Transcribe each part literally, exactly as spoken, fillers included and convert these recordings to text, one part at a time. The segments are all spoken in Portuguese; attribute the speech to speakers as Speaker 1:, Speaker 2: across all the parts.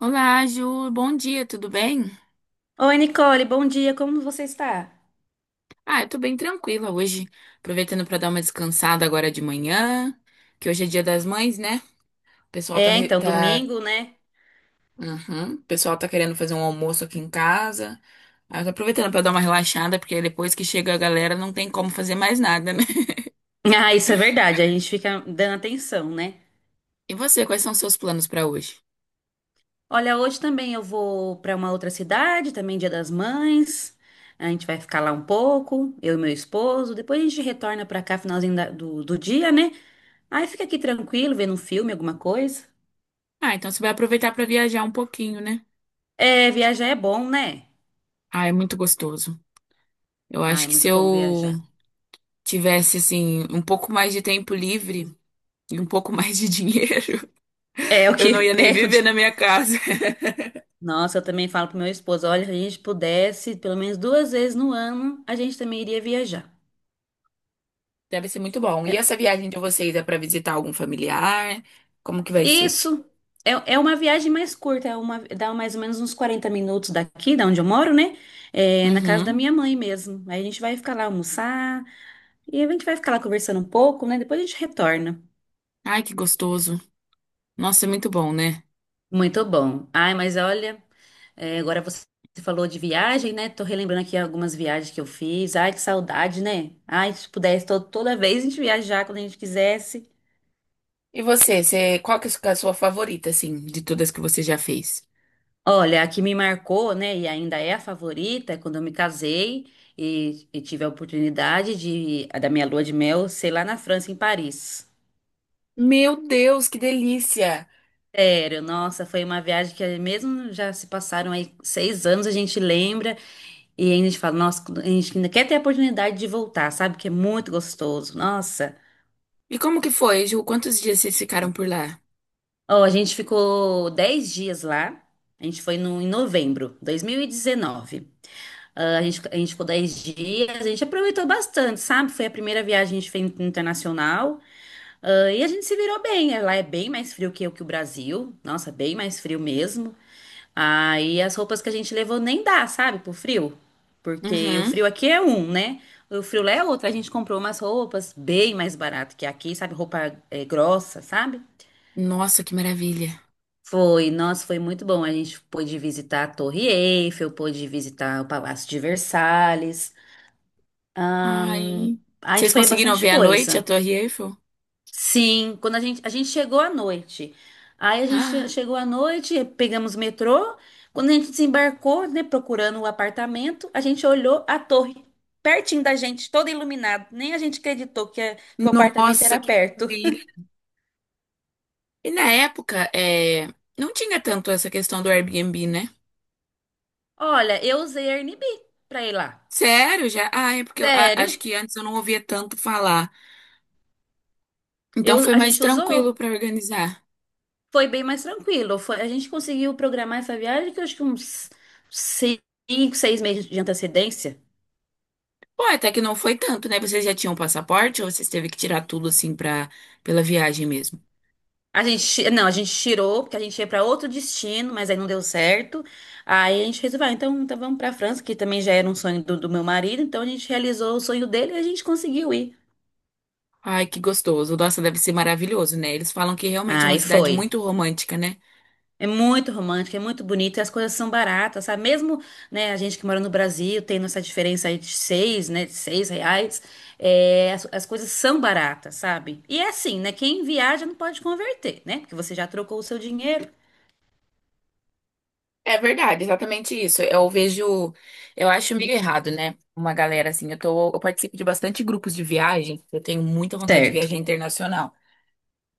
Speaker 1: Olá, Ju. Bom dia, tudo bem?
Speaker 2: Oi, Nicole, bom dia, como você está?
Speaker 1: Ah, eu tô bem tranquila hoje. Aproveitando pra dar uma descansada agora de manhã, que hoje é dia das mães, né? O pessoal tá,
Speaker 2: É,
Speaker 1: re-
Speaker 2: então,
Speaker 1: tá.
Speaker 2: domingo, né?
Speaker 1: Uhum. O pessoal tá querendo fazer um almoço aqui em casa. Ah, eu tô aproveitando pra dar uma relaxada, porque depois que chega a galera não tem como fazer mais nada, né?
Speaker 2: Ah, isso é verdade, a gente fica dando atenção, né?
Speaker 1: E você, quais são os seus planos pra hoje?
Speaker 2: Olha, hoje também eu vou para uma outra cidade, também Dia das Mães. A gente vai ficar lá um pouco, eu e meu esposo. Depois a gente retorna para cá, finalzinho da- do, do dia, né? Aí fica aqui tranquilo, vendo um filme, alguma coisa.
Speaker 1: Ah, então você vai aproveitar pra viajar um pouquinho, né?
Speaker 2: É, viajar é bom, né?
Speaker 1: Ah, é muito gostoso. Eu
Speaker 2: Ah,
Speaker 1: acho
Speaker 2: é
Speaker 1: que se
Speaker 2: muito bom
Speaker 1: eu
Speaker 2: viajar.
Speaker 1: tivesse, assim, um pouco mais de tempo livre e um pouco mais de dinheiro.
Speaker 2: É o
Speaker 1: Eu
Speaker 2: que
Speaker 1: não ia nem viver na
Speaker 2: perde.
Speaker 1: minha casa.
Speaker 2: Nossa, eu também falo pro meu esposo, olha, se a gente pudesse, pelo menos duas vezes no ano, a gente também iria viajar.
Speaker 1: Deve ser muito bom. E
Speaker 2: É-
Speaker 1: essa viagem de vocês é para visitar algum familiar? Como que vai ser?
Speaker 2: isso é. É uma viagem mais curta, é uma, dá mais ou menos uns quarenta minutos daqui, da onde eu moro, né? É, na casa da
Speaker 1: Uhum.
Speaker 2: minha mãe mesmo. Aí a gente vai ficar lá almoçar e a gente vai ficar lá conversando um pouco, né? Depois a gente retorna.
Speaker 1: Ai, que gostoso. Nossa, é muito bom, né?
Speaker 2: Muito bom. Ai, mas olha, é, agora você falou de viagem, né? Tô relembrando aqui algumas viagens que eu fiz. Ai, que saudade, né? Ai, se pudesse to- toda vez a gente viajar quando a gente quisesse.
Speaker 1: E você, você, qual que é a sua favorita, assim, de todas que você já fez?
Speaker 2: Olha, a que me marcou, né, e ainda é a favorita, é quando eu me casei e, e tive a oportunidade de, da minha lua de mel ser lá na França, em Paris.
Speaker 1: Meu Deus, que delícia!
Speaker 2: Sério, nossa, foi uma viagem que mesmo já se passaram aí seis anos, a gente lembra e ainda a gente fala, nossa, a gente ainda quer ter a oportunidade de voltar, sabe? Que é muito gostoso, nossa.
Speaker 1: E como que foi, Ju? Quantos dias vocês ficaram por lá?
Speaker 2: Ó, a gente ficou dez dias lá, a gente foi no, em novembro, dois mil e dezenove. Ah, A gente, a gente ficou dez dias, a gente aproveitou bastante, sabe? Foi a primeira viagem que a gente fez internacional, ah, e a gente se virou bem. Lá é bem mais frio que, o- que o Brasil, nossa, bem mais frio mesmo. Aí as roupas que a gente levou nem dá, sabe, pro frio, porque o
Speaker 1: Uhum.
Speaker 2: frio aqui é um, né? O frio lá é outro. A gente comprou umas roupas bem mais barato que aqui, sabe? Roupa eh, grossa, sabe?
Speaker 1: Nossa, que maravilha.
Speaker 2: Foi, nossa, foi muito bom. A gente pôde visitar a Torre Eiffel, pôde visitar o Palácio de Versalhes. Ahn,
Speaker 1: Ai,
Speaker 2: a gente
Speaker 1: vocês
Speaker 2: foi em
Speaker 1: conseguiram
Speaker 2: bastante
Speaker 1: ver à noite a
Speaker 2: coisa.
Speaker 1: Torre Eiffel?
Speaker 2: Sim, quando a gente, a gente chegou à noite. Aí a gente che-
Speaker 1: Ah,
Speaker 2: chegou à noite, pegamos o metrô. Quando a gente desembarcou, né, procurando o apartamento, a gente olhou a torre pertinho da gente, toda iluminada. Nem a gente acreditou que, é- que o apartamento
Speaker 1: nossa,
Speaker 2: era
Speaker 1: que
Speaker 2: perto.
Speaker 1: E na época, é, não tinha tanto essa questão do Airbnb, né?
Speaker 2: Olha, eu usei Airbnb pra ir lá.
Speaker 1: Sério, já? Ah, é porque eu a- acho
Speaker 2: Sério?
Speaker 1: que antes eu não ouvia tanto falar. Então
Speaker 2: Eu,
Speaker 1: foi
Speaker 2: a
Speaker 1: mais
Speaker 2: gente usou.
Speaker 1: tranquilo pra organizar.
Speaker 2: Foi bem mais tranquilo. Foi, a gente conseguiu programar essa viagem que eu acho que uns cinco, seis meses de antecedência.
Speaker 1: Pô, até que não foi tanto, né? Vocês já tinham passaporte ou vocês teve que tirar tudo assim pra, pela viagem mesmo?
Speaker 2: A gente, ti- não, a gente tirou, porque a gente ia para outro destino, mas aí não deu certo. Aí a gente resolveu, ah, então, então vamos para França, que também já era um sonho do, do meu marido, então a gente realizou o sonho dele e a gente conseguiu ir.
Speaker 1: Ai, que gostoso. Nossa, deve ser maravilhoso, né? Eles falam que realmente é uma
Speaker 2: Aí
Speaker 1: cidade
Speaker 2: foi.
Speaker 1: muito romântica, né?
Speaker 2: É muito romântico, é muito bonito, e as coisas são baratas, sabe? Mesmo, né, a gente que mora no Brasil, tendo essa diferença aí de seis, né, de seis reais, é, as, as coisas são baratas, sabe? E é assim, né, quem viaja não pode converter, né? Porque você já trocou o seu dinheiro.
Speaker 1: É verdade, exatamente isso. Eu vejo, eu acho meio errado, né? Uma galera assim, eu tô, eu participo de bastante grupos de viagem, eu tenho muita vontade de
Speaker 2: Certo.
Speaker 1: viajar internacional.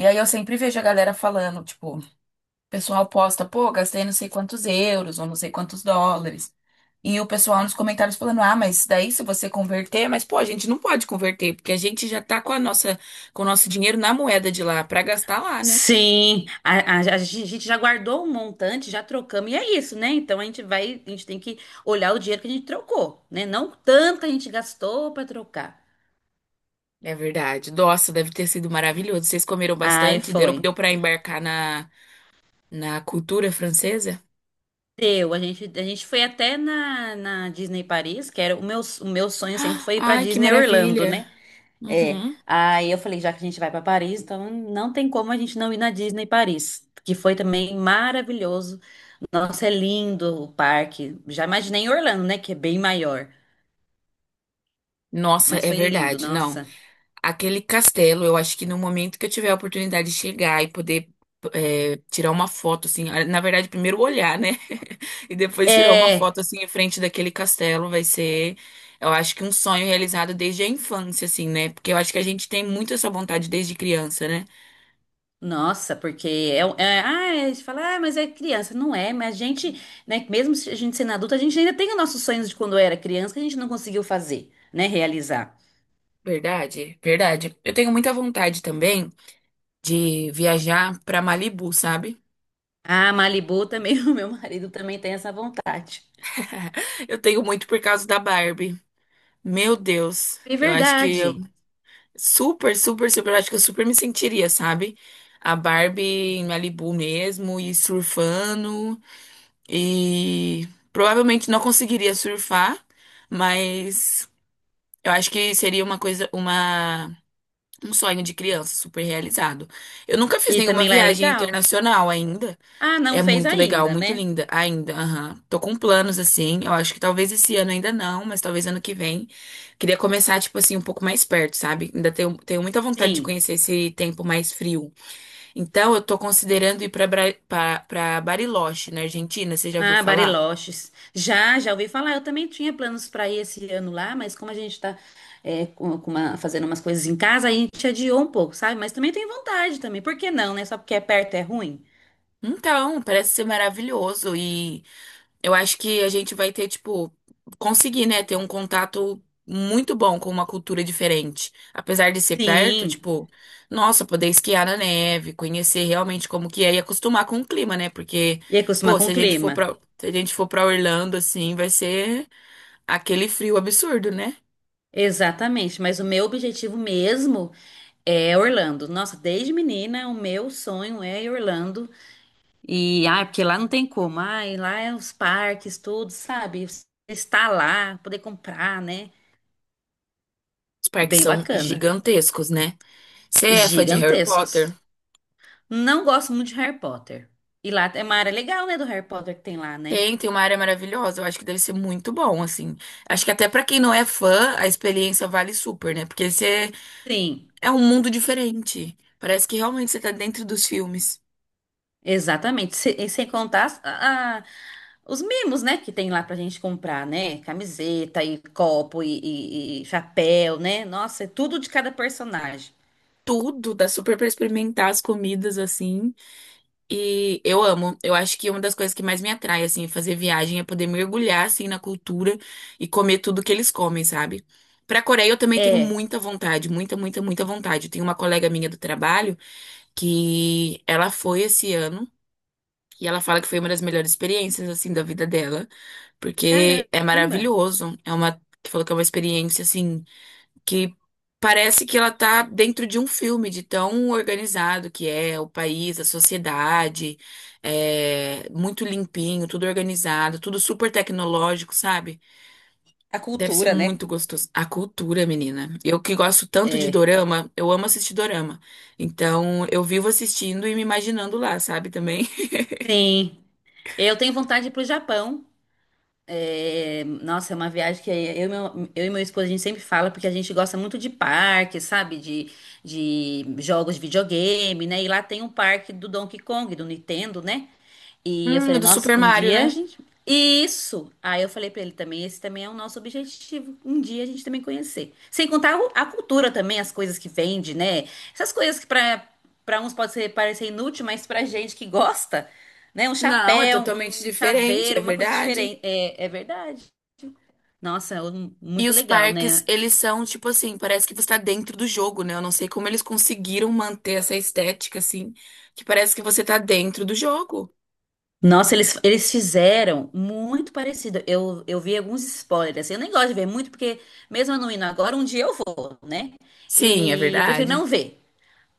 Speaker 1: E aí eu sempre vejo a galera falando, tipo, o pessoal posta, pô, gastei não sei quantos euros ou não sei quantos dólares. E o pessoal nos comentários falando, ah, mas daí se você converter, mas pô, a gente não pode converter, porque a gente já tá com a nossa, com o nosso dinheiro na moeda de lá, pra gastar lá, né?
Speaker 2: Sim, a, a- a gente a gente já guardou um montante, já trocamos, e é isso, né? Então a gente vai, a gente tem que olhar o dinheiro que a gente trocou, né? Não o tanto que a gente gastou para trocar.
Speaker 1: É verdade. Nossa, deve ter sido maravilhoso. Vocês comeram
Speaker 2: Aí
Speaker 1: bastante? Deu, deu
Speaker 2: foi.
Speaker 1: para embarcar na, na cultura francesa?
Speaker 2: Deu, a gente, a gente foi até na, na Disney Paris, que era o meu, o meu sonho sempre
Speaker 1: Ah,
Speaker 2: foi ir para
Speaker 1: ai, que
Speaker 2: Disney Orlando,
Speaker 1: maravilha.
Speaker 2: né? É.
Speaker 1: Uhum.
Speaker 2: Aí eu falei, já que a gente vai para Paris, então não tem como a gente não ir na Disney Paris, que foi também maravilhoso. Nossa, é lindo o parque. Já imaginei em Orlando, né? Que é bem maior.
Speaker 1: Nossa,
Speaker 2: Mas
Speaker 1: é
Speaker 2: foi lindo,
Speaker 1: verdade. Não,
Speaker 2: nossa.
Speaker 1: aquele castelo, eu acho que no momento que eu tiver a oportunidade de chegar e poder é, tirar uma foto, assim, ah, na verdade, primeiro olhar, né? E depois tirar uma
Speaker 2: É,
Speaker 1: foto, assim, em frente daquele castelo, vai ser, eu acho que um sonho realizado desde a infância, assim, né? Porque eu acho que a gente tem muito essa vontade desde criança, né?
Speaker 2: nossa, porque é, um- é, ah, a gente fala, ah, mas é criança. Não é, mas a gente, né, mesmo se a gente sendo adulta, a gente ainda tem os nossos sonhos de quando era criança que a gente não conseguiu fazer, né, realizar.
Speaker 1: Verdade, verdade. Eu tenho muita vontade também de viajar pra Malibu, sabe?
Speaker 2: Ah, Malibu também, o meu marido também tem essa vontade.
Speaker 1: Eu tenho muito por causa da Barbie. Meu Deus,
Speaker 2: É
Speaker 1: eu acho que eu
Speaker 2: verdade.
Speaker 1: super, super, super, eu acho que eu super me sentiria, sabe? A Barbie em Malibu mesmo e surfando e provavelmente não conseguiria surfar, mas eu acho que seria uma coisa, uma um sonho de criança super realizado. Eu nunca fiz
Speaker 2: E
Speaker 1: nenhuma
Speaker 2: também lá é
Speaker 1: viagem
Speaker 2: legal.
Speaker 1: internacional ainda.
Speaker 2: Ah, não
Speaker 1: É
Speaker 2: fez
Speaker 1: muito legal,
Speaker 2: ainda,
Speaker 1: muito
Speaker 2: né?
Speaker 1: linda ainda. Aham. Tô com planos assim. Eu acho que talvez esse ano ainda não, mas talvez ano que vem. Queria começar, tipo assim, um pouco mais perto, sabe? Ainda tenho, tenho muita vontade de
Speaker 2: Sim.
Speaker 1: conhecer esse tempo mais frio. Então, eu tô considerando ir pra, Bra- pra, pra Bariloche, na Argentina. Você já ouviu
Speaker 2: Ah,
Speaker 1: falar?
Speaker 2: Bariloches. Já, já ouvi falar. Eu também tinha planos para ir esse ano lá, mas como a gente está fazendo umas coisas em casa, a gente adiou um pouco, sabe? Mas também tem vontade também. Por que não, né? Só porque é perto é ruim?
Speaker 1: Então, parece ser maravilhoso. Eu acho que a gente vai ter, tipo, conseguir, né, ter um contato muito bom com uma cultura diferente. Apesar de ser perto,
Speaker 2: Sim.
Speaker 1: tipo, nossa, poder esquiar na neve, conhecer realmente como que é e acostumar com o clima, né? Porque,
Speaker 2: E acostumar
Speaker 1: pô,
Speaker 2: com
Speaker 1: se
Speaker 2: o
Speaker 1: a gente for
Speaker 2: clima.
Speaker 1: pra, se a gente for pra Orlando, assim, vai ser aquele frio absurdo, né?
Speaker 2: Exatamente. Mas o meu objetivo mesmo é Orlando. Nossa, desde menina, o meu sonho é ir Orlando. E, ah, porque lá não tem como. Ah, e lá é os parques, tudo, sabe? Estar lá, poder comprar, né?
Speaker 1: Os
Speaker 2: É
Speaker 1: parques
Speaker 2: bem
Speaker 1: são
Speaker 2: bacana.
Speaker 1: gigantescos, né? Você é fã de Harry Potter?
Speaker 2: Gigantescos. Não gosto muito de Harry Potter. E lá é uma área legal, né, do Harry Potter que tem lá, né?
Speaker 1: Tem, tem uma área maravilhosa. Eu acho que deve ser muito bom, assim. Acho que até pra quem não é fã, a experiência vale super, né? Porque você
Speaker 2: Sim,
Speaker 1: é um mundo diferente. Parece que realmente você tá dentro dos filmes.
Speaker 2: exatamente. Se- E sem contar as- a- a- os mimos, né, que tem lá pra gente comprar, né? Camiseta e copo e, e- e chapéu, né? Nossa, é tudo de cada personagem.
Speaker 1: Tudo dá super pra experimentar as comidas assim. E eu amo. Eu acho que uma das coisas que mais me atrai assim, fazer viagem é poder mergulhar assim na cultura e comer tudo que eles comem, sabe? Pra Coreia eu também tenho
Speaker 2: É,
Speaker 1: muita vontade, muita, muita, muita vontade. Eu tenho uma colega minha do trabalho que ela foi esse ano e ela fala que foi uma das melhores experiências assim da vida dela, porque é
Speaker 2: caramba.
Speaker 1: maravilhoso. É uma que falou que é uma experiência assim que parece que ela tá dentro de um filme, de tão organizado que é o país, a sociedade, é muito limpinho, tudo organizado, tudo super tecnológico, sabe?
Speaker 2: A
Speaker 1: Deve ser
Speaker 2: cultura, né?
Speaker 1: muito gostoso. A cultura, menina. Eu que gosto tanto de
Speaker 2: É,
Speaker 1: dorama, eu amo assistir dorama. Então, eu vivo assistindo e me imaginando lá, sabe, também.
Speaker 2: sim. Eu tenho vontade de ir pro Japão. É, nossa, é uma viagem que eu e meu, eu e meu esposo a gente sempre fala, porque a gente gosta muito de parque, sabe? De, de jogos de videogame, né? E lá tem um parque do Donkey Kong, do Nintendo, né? E eu
Speaker 1: Hum,
Speaker 2: falei,
Speaker 1: do Super
Speaker 2: nossa, um
Speaker 1: Mario,
Speaker 2: dia a
Speaker 1: né?
Speaker 2: gente. Isso! Aí eu falei pra ele também, esse também é o nosso objetivo. Um dia a gente também conhecer. Sem contar o- a cultura também, as coisas que vende, né? Essas coisas que pra, pra uns pode ser, parecer inútil, mas pra gente que gosta, né? Um
Speaker 1: Não, é
Speaker 2: chapéu,
Speaker 1: totalmente
Speaker 2: um
Speaker 1: diferente, é
Speaker 2: chaveiro, uma coisa
Speaker 1: verdade.
Speaker 2: diferente. É, é verdade. Nossa, é um-
Speaker 1: E
Speaker 2: muito
Speaker 1: os
Speaker 2: legal,
Speaker 1: parques,
Speaker 2: né?
Speaker 1: eles são tipo assim, parece que você tá dentro do jogo, né? Eu não sei como eles conseguiram manter essa estética assim, que parece que você tá dentro do jogo.
Speaker 2: Nossa, eles, eles fizeram muito parecido. Eu, eu vi alguns spoilers, assim, eu nem gosto de ver muito, porque mesmo eu não indo agora, um dia eu vou, né?
Speaker 1: Sim, é
Speaker 2: E eu prefiro não
Speaker 1: verdade.
Speaker 2: ver.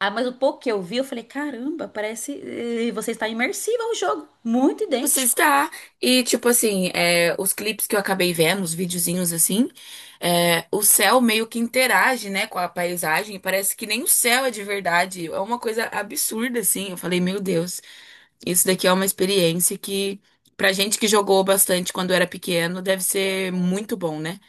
Speaker 2: Ah, mas o pouco que eu vi, eu falei, caramba, parece. eh, Você está imersiva ao jogo. Muito
Speaker 1: Você
Speaker 2: idêntico.
Speaker 1: está. E tipo assim, é, os clipes que eu acabei vendo, os videozinhos assim, é, o céu meio que interage, né, com a paisagem. e parece que nem o céu é de verdade. É uma coisa absurda, assim. Eu falei, meu Deus, isso daqui é uma experiência que, pra gente que jogou bastante quando era pequeno, deve ser muito bom, né?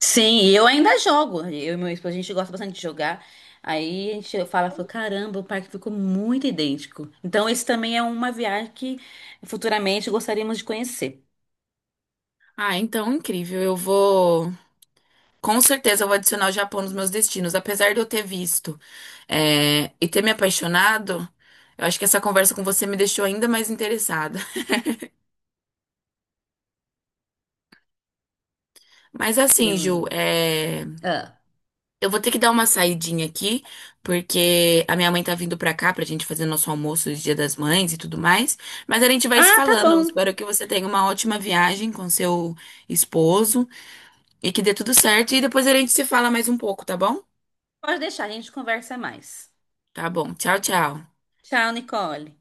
Speaker 2: Sim, e eu ainda jogo. Eu e meu esposo, a gente gosta bastante de jogar. Aí a gente fala, fala, caramba, o parque ficou muito idêntico. Então, esse também é uma viagem que futuramente gostaríamos de conhecer.
Speaker 1: Ah, então incrível. Eu vou. Com certeza eu vou adicionar o Japão nos meus destinos. Apesar de eu ter visto, é, e ter me apaixonado, eu acho que essa conversa com você me deixou ainda mais interessada. Mas
Speaker 2: Que,
Speaker 1: assim, Ju,
Speaker 2: hum,
Speaker 1: é,
Speaker 2: ah,
Speaker 1: eu vou ter que dar uma saidinha aqui, porque a minha mãe tá vindo pra cá pra gente fazer nosso almoço de Dia das Mães e tudo mais. Mas a gente vai se
Speaker 2: Ah, tá
Speaker 1: falando. Eu
Speaker 2: bom.
Speaker 1: espero que você tenha uma ótima viagem com seu esposo e que dê tudo certo. E depois a gente se fala mais um pouco, tá bom?
Speaker 2: Pode deixar, a gente conversa mais.
Speaker 1: Tá bom. Tchau, tchau.
Speaker 2: Tchau, Nicole.